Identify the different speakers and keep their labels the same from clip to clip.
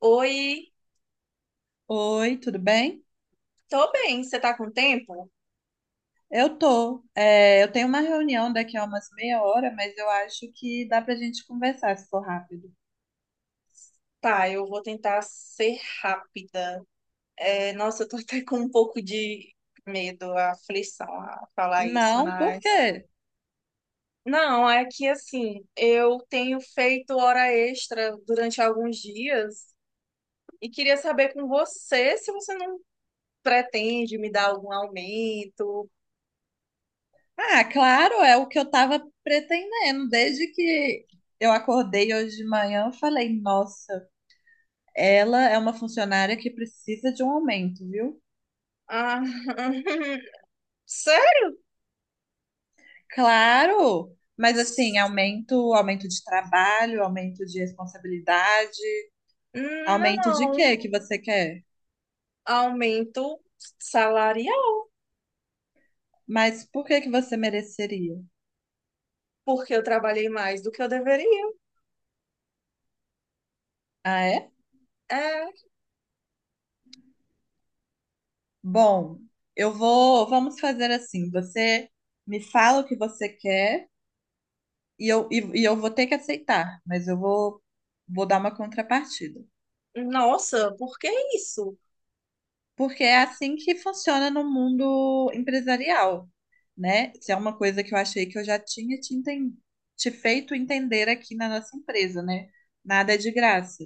Speaker 1: Oi,
Speaker 2: Oi, tudo bem?
Speaker 1: tô bem. Você tá com tempo?
Speaker 2: Eu tô. É, eu tenho uma reunião daqui a umas meia hora, mas eu acho que dá pra gente conversar se for rápido.
Speaker 1: Tá, eu vou tentar ser rápida. É, nossa, eu tô até com um pouco de medo, aflição a falar isso,
Speaker 2: Não, por
Speaker 1: mas.
Speaker 2: quê?
Speaker 1: Não, é que assim, eu tenho feito hora extra durante alguns dias e queria saber com você se você não pretende me dar algum aumento.
Speaker 2: Ah, claro, é o que eu tava pretendendo. Desde que eu acordei hoje de manhã, eu falei, nossa, ela é uma funcionária que precisa de um aumento, viu?
Speaker 1: Ah, sério?
Speaker 2: Claro! Mas assim, aumento, aumento de trabalho, aumento de responsabilidade, aumento de
Speaker 1: Não,
Speaker 2: quê que você quer?
Speaker 1: aumento salarial.
Speaker 2: Mas por que que você mereceria?
Speaker 1: Porque eu trabalhei mais do que eu deveria.
Speaker 2: Ah, é?
Speaker 1: É,
Speaker 2: Bom, eu vou. Vamos fazer assim. Você me fala o que você quer e eu vou ter que aceitar, mas vou dar uma contrapartida.
Speaker 1: nossa, por que isso?
Speaker 2: Porque é assim que funciona no mundo empresarial, né? Isso é uma coisa que eu achei que eu já tinha te feito entender aqui na nossa empresa, né? Nada é de graça.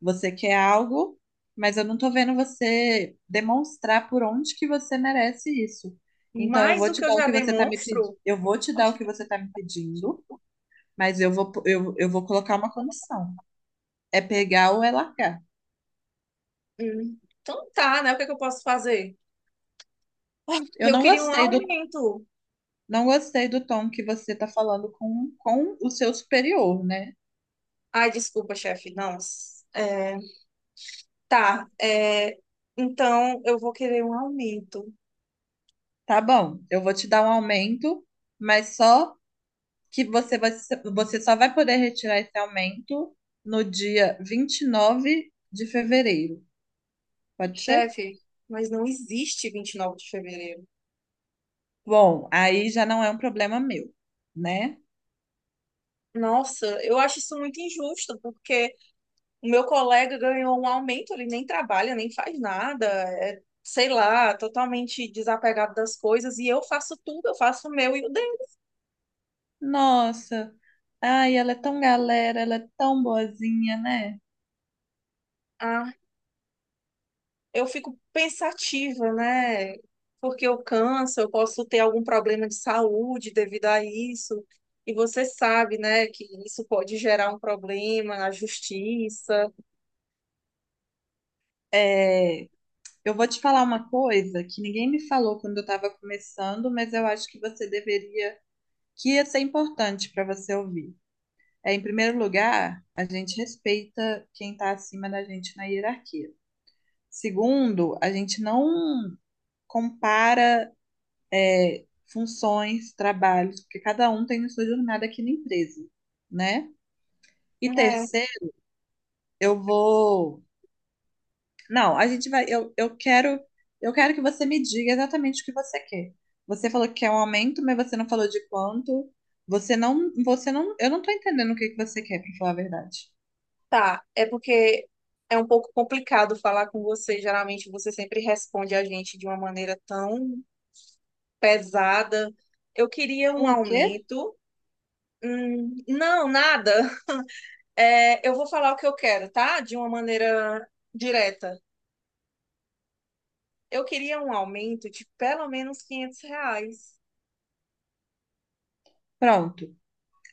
Speaker 2: Você quer algo, mas eu não tô vendo você demonstrar por onde que você merece isso. Então eu
Speaker 1: Mais
Speaker 2: vou
Speaker 1: do
Speaker 2: te
Speaker 1: que eu
Speaker 2: dar o
Speaker 1: já
Speaker 2: que você tá me pedindo,
Speaker 1: demonstro?
Speaker 2: eu vou te dar o que você tá me pedindo, mas eu vou colocar uma condição. É pegar ou é largar.
Speaker 1: Então tá, né? O que é que eu posso fazer?
Speaker 2: Eu
Speaker 1: Eu
Speaker 2: não
Speaker 1: queria um
Speaker 2: gostei do
Speaker 1: aumento.
Speaker 2: Não gostei do tom que você está falando com o seu superior, né?
Speaker 1: Ai, desculpa, chefe. Não. É, tá. É, então eu vou querer um aumento.
Speaker 2: Tá bom, eu vou te dar um aumento, mas só que você só vai poder retirar esse aumento no dia 29 de fevereiro. Pode ser?
Speaker 1: Chefe, mas não existe 29 de fevereiro.
Speaker 2: Bom, aí já não é um problema meu, né?
Speaker 1: Nossa, eu acho isso muito injusto, porque o meu colega ganhou um aumento, ele nem trabalha, nem faz nada, é, sei lá, totalmente desapegado das coisas, e eu faço tudo, eu faço o meu e o dele.
Speaker 2: Nossa, ai, ela é tão galera, ela é tão boazinha, né?
Speaker 1: Ah, eu fico pensativa, né? Porque eu canso, eu posso ter algum problema de saúde devido a isso, e você sabe, né, que isso pode gerar um problema na justiça.
Speaker 2: É, eu vou te falar uma coisa que ninguém me falou quando eu estava começando, mas eu acho que você deveria que ia ser importante para você ouvir. É, em primeiro lugar, a gente respeita quem está acima da gente na hierarquia. Segundo, a gente não compara funções, trabalhos, porque cada um tem a sua jornada aqui na empresa, né? E
Speaker 1: É,
Speaker 2: terceiro, eu vou. Não, a gente vai. Eu quero que você me diga exatamente o que você quer. Você falou que quer um aumento, mas você não falou de quanto. Você não, eu não estou entendendo o que que você quer, para falar a verdade.
Speaker 1: tá, é porque é um pouco complicado falar com você, geralmente você sempre responde a gente de uma maneira tão pesada. Eu queria um
Speaker 2: O quê?
Speaker 1: aumento. Não, nada. É, eu vou falar o que eu quero, tá? De uma maneira direta. Eu queria um aumento de pelo menos 500 reais.
Speaker 2: Pronto.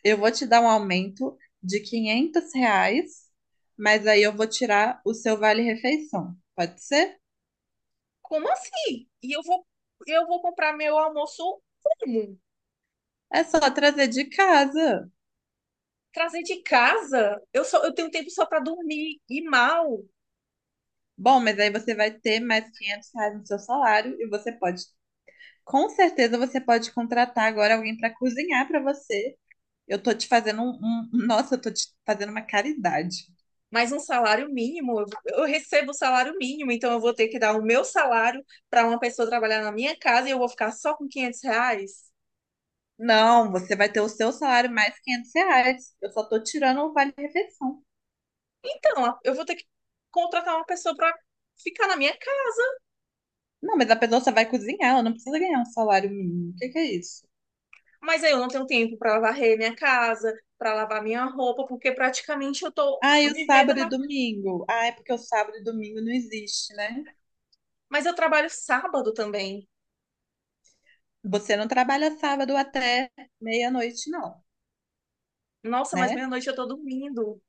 Speaker 2: Eu vou te dar um aumento de R$ 500, mas aí eu vou tirar o seu vale-refeição. Pode ser?
Speaker 1: Como assim? E eu vou comprar meu almoço como?
Speaker 2: É só trazer de casa.
Speaker 1: Trazer de casa? Eu tenho tempo só para dormir e mal.
Speaker 2: Bom, mas aí você vai ter mais R$ 500 no seu salário e com certeza, você pode contratar agora alguém para cozinhar para você. Eu tô te fazendo um, nossa, eu tô te fazendo uma caridade.
Speaker 1: Mas um salário mínimo, eu recebo o salário mínimo, então eu vou ter que dar o meu salário para uma pessoa trabalhar na minha casa e eu vou ficar só com 500 reais?
Speaker 2: Não, você vai ter o seu salário mais R$ 500. Eu só tô tirando o vale-refeição.
Speaker 1: Então, eu vou ter que contratar uma pessoa para ficar na minha casa.
Speaker 2: Não, mas a pessoa só vai cozinhar, ela não precisa ganhar um salário mínimo. O que que é isso?
Speaker 1: Mas aí eu não tenho tempo para varrer minha casa, para lavar minha roupa, porque praticamente eu tô
Speaker 2: Ah, e o
Speaker 1: vivendo
Speaker 2: sábado e
Speaker 1: na.
Speaker 2: domingo? Ah, é porque o sábado e domingo não existe, né?
Speaker 1: Mas eu trabalho sábado também.
Speaker 2: Você não trabalha sábado até meia-noite, não,
Speaker 1: Nossa, mas
Speaker 2: né?
Speaker 1: meia-noite eu tô dormindo.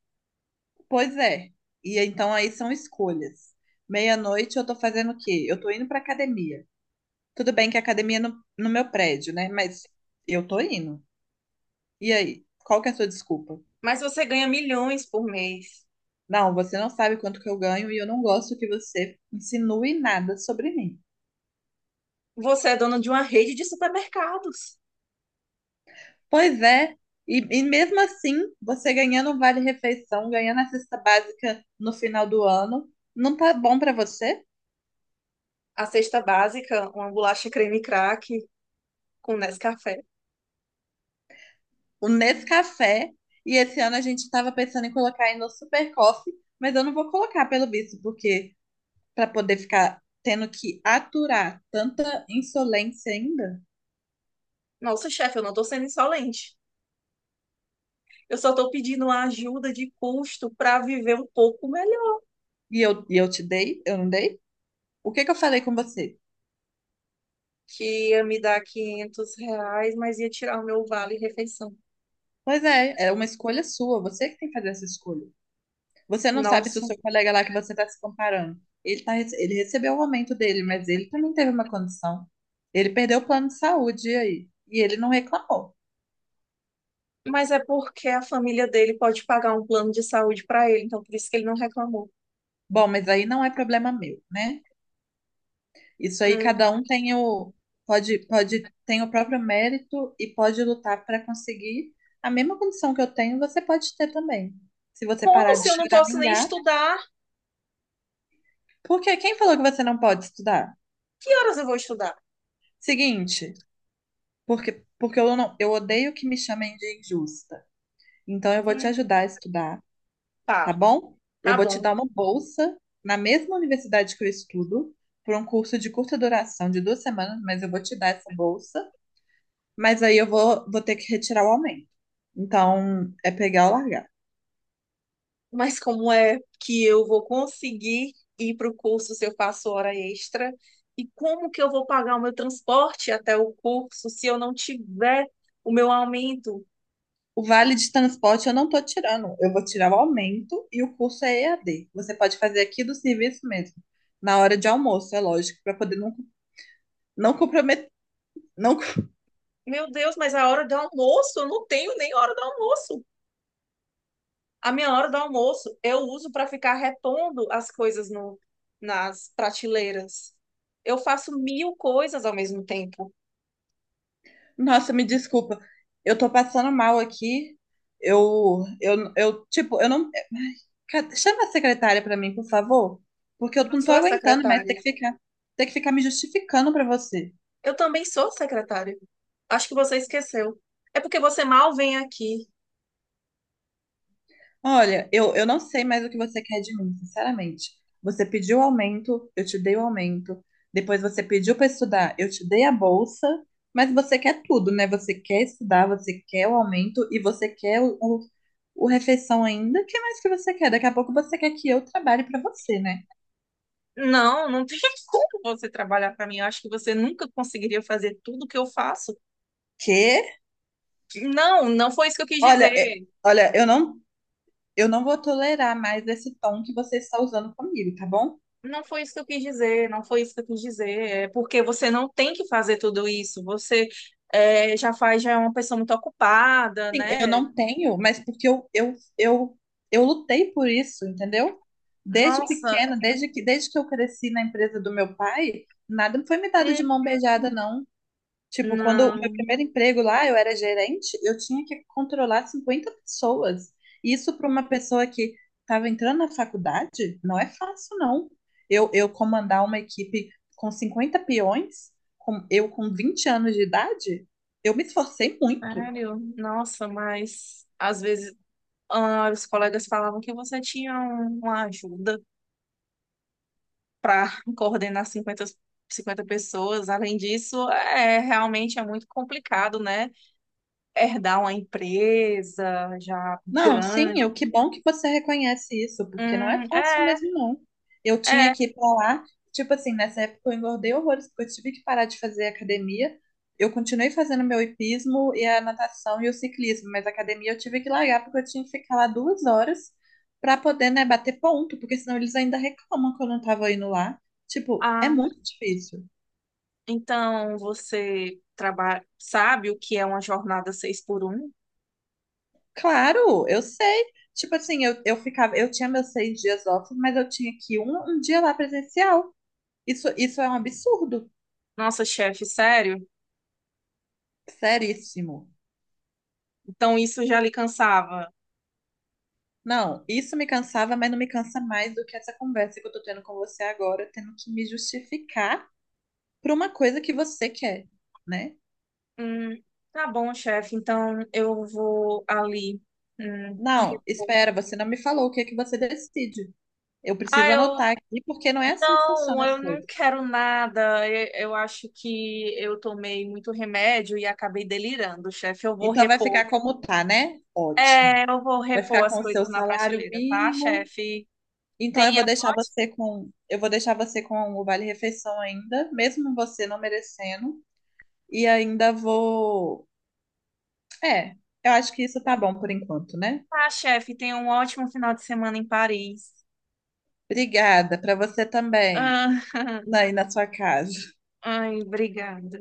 Speaker 2: Pois é. E então aí são escolhas. Meia-noite eu tô fazendo o quê? Eu tô indo pra academia. Tudo bem que a academia é no meu prédio, né? Mas eu tô indo. E aí? Qual que é a sua desculpa?
Speaker 1: Mas você ganha milhões por mês.
Speaker 2: Não, você não sabe quanto que eu ganho e eu não gosto que você insinue nada sobre mim.
Speaker 1: Você é dono de uma rede de supermercados.
Speaker 2: Pois é, e mesmo assim, você ganhando um vale-refeição, ganhando a cesta básica no final do ano, não tá bom pra você?
Speaker 1: A cesta básica, uma bolacha creme crack com Nescafé.
Speaker 2: O Nescafé, e esse ano a gente tava pensando em colocar aí no Super Coffee, mas eu não vou colocar pelo visto, porque pra poder ficar tendo que aturar tanta insolência ainda,
Speaker 1: Nossa, chefe, eu não tô sendo insolente. Eu só tô pedindo uma ajuda de custo para viver um pouco melhor.
Speaker 2: e eu te dei, eu não dei? O que que eu falei com você?
Speaker 1: Que ia me dar 500 reais, mas ia tirar o meu vale refeição.
Speaker 2: Pois é, é uma escolha sua, você que tem que fazer essa escolha. Você não sabe se o
Speaker 1: Nossa,
Speaker 2: seu colega lá que você está se comparando, ele recebeu o aumento dele, mas ele também teve uma condição. Ele perdeu o plano de saúde e aí, e ele não reclamou.
Speaker 1: mas é porque a família dele pode pagar um plano de saúde para ele, então por isso que ele não reclamou.
Speaker 2: Bom, mas aí não é problema meu, né? Isso aí
Speaker 1: Hum.
Speaker 2: cada um tem o pode pode tem o próprio mérito e pode lutar para conseguir a mesma condição que eu tenho, você pode ter também. Se você
Speaker 1: Como
Speaker 2: parar de
Speaker 1: se eu não posso nem
Speaker 2: choramingar,
Speaker 1: estudar?
Speaker 2: porque quem falou que você não pode estudar?
Speaker 1: Que horas eu vou estudar?
Speaker 2: Seguinte, porque eu não eu odeio que me chamem de injusta. Então, eu vou te
Speaker 1: Hum.
Speaker 2: ajudar a estudar,
Speaker 1: Tá,
Speaker 2: tá bom? Eu
Speaker 1: tá
Speaker 2: vou te
Speaker 1: bom.
Speaker 2: dar uma bolsa na mesma universidade que eu estudo, por um curso de curta duração, de 2 semanas, mas eu vou te dar essa bolsa. Mas aí vou ter que retirar o aumento. Então, é pegar ou largar.
Speaker 1: Mas como é que eu vou conseguir ir para o curso se eu faço hora extra? E como que eu vou pagar o meu transporte até o curso se eu não tiver o meu aumento.
Speaker 2: O vale de transporte eu não tô tirando, eu vou tirar o aumento e o curso é EAD. Você pode fazer aqui do serviço mesmo, na hora de almoço, é lógico, para poder não comprometer, não
Speaker 1: Meu Deus, mas a hora do almoço, eu não tenho nem hora do almoço. A minha hora do almoço eu uso para ficar repondo as coisas no, nas prateleiras. Eu faço mil coisas ao mesmo tempo.
Speaker 2: Nossa, me desculpa. Eu tô passando mal aqui. Eu, tipo, eu não. Ai, chama a secretária pra mim, por favor, porque eu
Speaker 1: Eu
Speaker 2: não tô
Speaker 1: sou a
Speaker 2: aguentando mais
Speaker 1: secretária.
Speaker 2: ter que ficar me justificando pra você.
Speaker 1: Eu também sou secretária. Acho que você esqueceu. É porque você mal vem aqui.
Speaker 2: Olha, eu não sei mais o que você quer de mim, sinceramente. Você pediu aumento, eu te dei o aumento. Depois você pediu para estudar, eu te dei a bolsa. Mas você quer tudo, né? Você quer estudar, você quer o aumento e você quer o refeição ainda. O que mais que você quer? Daqui a pouco você quer que eu trabalhe para você, né?
Speaker 1: Não, não tem como você trabalhar para mim. Eu acho que você nunca conseguiria fazer tudo que eu faço.
Speaker 2: Que?
Speaker 1: Não, não foi isso que eu quis
Speaker 2: Olha, é-
Speaker 1: dizer.
Speaker 2: olha, eu não vou tolerar mais esse tom que você está usando comigo, tá bom?
Speaker 1: Não foi isso que eu quis dizer, não foi isso que eu quis dizer. É porque você não tem que fazer tudo isso. Você é, já faz, já é uma pessoa muito ocupada,
Speaker 2: Sim, eu
Speaker 1: né?
Speaker 2: não tenho, mas porque eu lutei por isso, entendeu? Desde
Speaker 1: Nossa,
Speaker 2: pequena, desde que eu cresci na empresa do meu pai, nada foi me dado de
Speaker 1: hum,
Speaker 2: mão beijada, não. Tipo, quando o meu
Speaker 1: não,
Speaker 2: primeiro emprego lá, eu era gerente, eu tinha que controlar 50 pessoas. Isso para uma pessoa que estava entrando na faculdade, não é fácil, não. Eu comandar uma equipe com 50 peões, eu com 20 anos de idade, eu me esforcei muito.
Speaker 1: sério. Nossa, mas às vezes ah, os colegas falavam que você tinha uma ajuda para coordenar cinquenta pessoas. Além disso, é realmente é muito complicado, né? Herdar uma empresa já
Speaker 2: Não, sim,
Speaker 1: grande.
Speaker 2: eu, que bom que você reconhece isso, porque não é fácil
Speaker 1: É,
Speaker 2: mesmo, não. Eu tinha
Speaker 1: é.
Speaker 2: que ir pra lá, tipo assim, nessa época eu engordei horrores, porque eu tive que parar de fazer academia. Eu continuei fazendo meu hipismo e a natação e o ciclismo, mas a academia eu tive que largar porque eu tinha que ficar lá 2 horas pra poder, né, bater ponto, porque senão eles ainda reclamam que eu não tava indo lá. Tipo, é
Speaker 1: Ah,
Speaker 2: muito difícil.
Speaker 1: então, você trabalha, sabe o que é uma jornada 6 por 1?
Speaker 2: Claro, eu sei. Tipo assim, eu tinha meus 6 dias off, mas eu tinha que ir um dia lá presencial. Isso é um absurdo,
Speaker 1: Nossa, chefe, sério?
Speaker 2: seríssimo.
Speaker 1: Então, isso já lhe cansava.
Speaker 2: Não, isso me cansava, mas não me cansa mais do que essa conversa que eu tô tendo com você agora, tendo que me justificar por uma coisa que você quer, né?
Speaker 1: Hum, tá bom, chefe. Então, eu vou ali. Hum.
Speaker 2: Não, espera, você não me falou o que é que você decide. Eu
Speaker 1: Ah,
Speaker 2: preciso
Speaker 1: eu
Speaker 2: anotar aqui, porque não é assim que
Speaker 1: não,
Speaker 2: funcionam
Speaker 1: eu
Speaker 2: as
Speaker 1: não
Speaker 2: coisas.
Speaker 1: quero nada. Eu acho que eu tomei muito remédio e acabei delirando, chefe. Eu vou
Speaker 2: Então vai
Speaker 1: repor.
Speaker 2: ficar como tá, né? Ótimo.
Speaker 1: É, eu vou
Speaker 2: Vai
Speaker 1: repor
Speaker 2: ficar
Speaker 1: as
Speaker 2: com o seu
Speaker 1: coisas na
Speaker 2: salário
Speaker 1: prateleira, tá,
Speaker 2: mínimo.
Speaker 1: chefe?
Speaker 2: Então
Speaker 1: Tenha,
Speaker 2: eu vou deixar você com o vale-refeição ainda, mesmo você não merecendo. E ainda vou. É, eu acho que isso tá bom por enquanto, né?
Speaker 1: tá, chefe, tenha um ótimo final de semana em Paris.
Speaker 2: Obrigada para você também,
Speaker 1: Ah,
Speaker 2: aí na sua casa.
Speaker 1: ai, obrigada.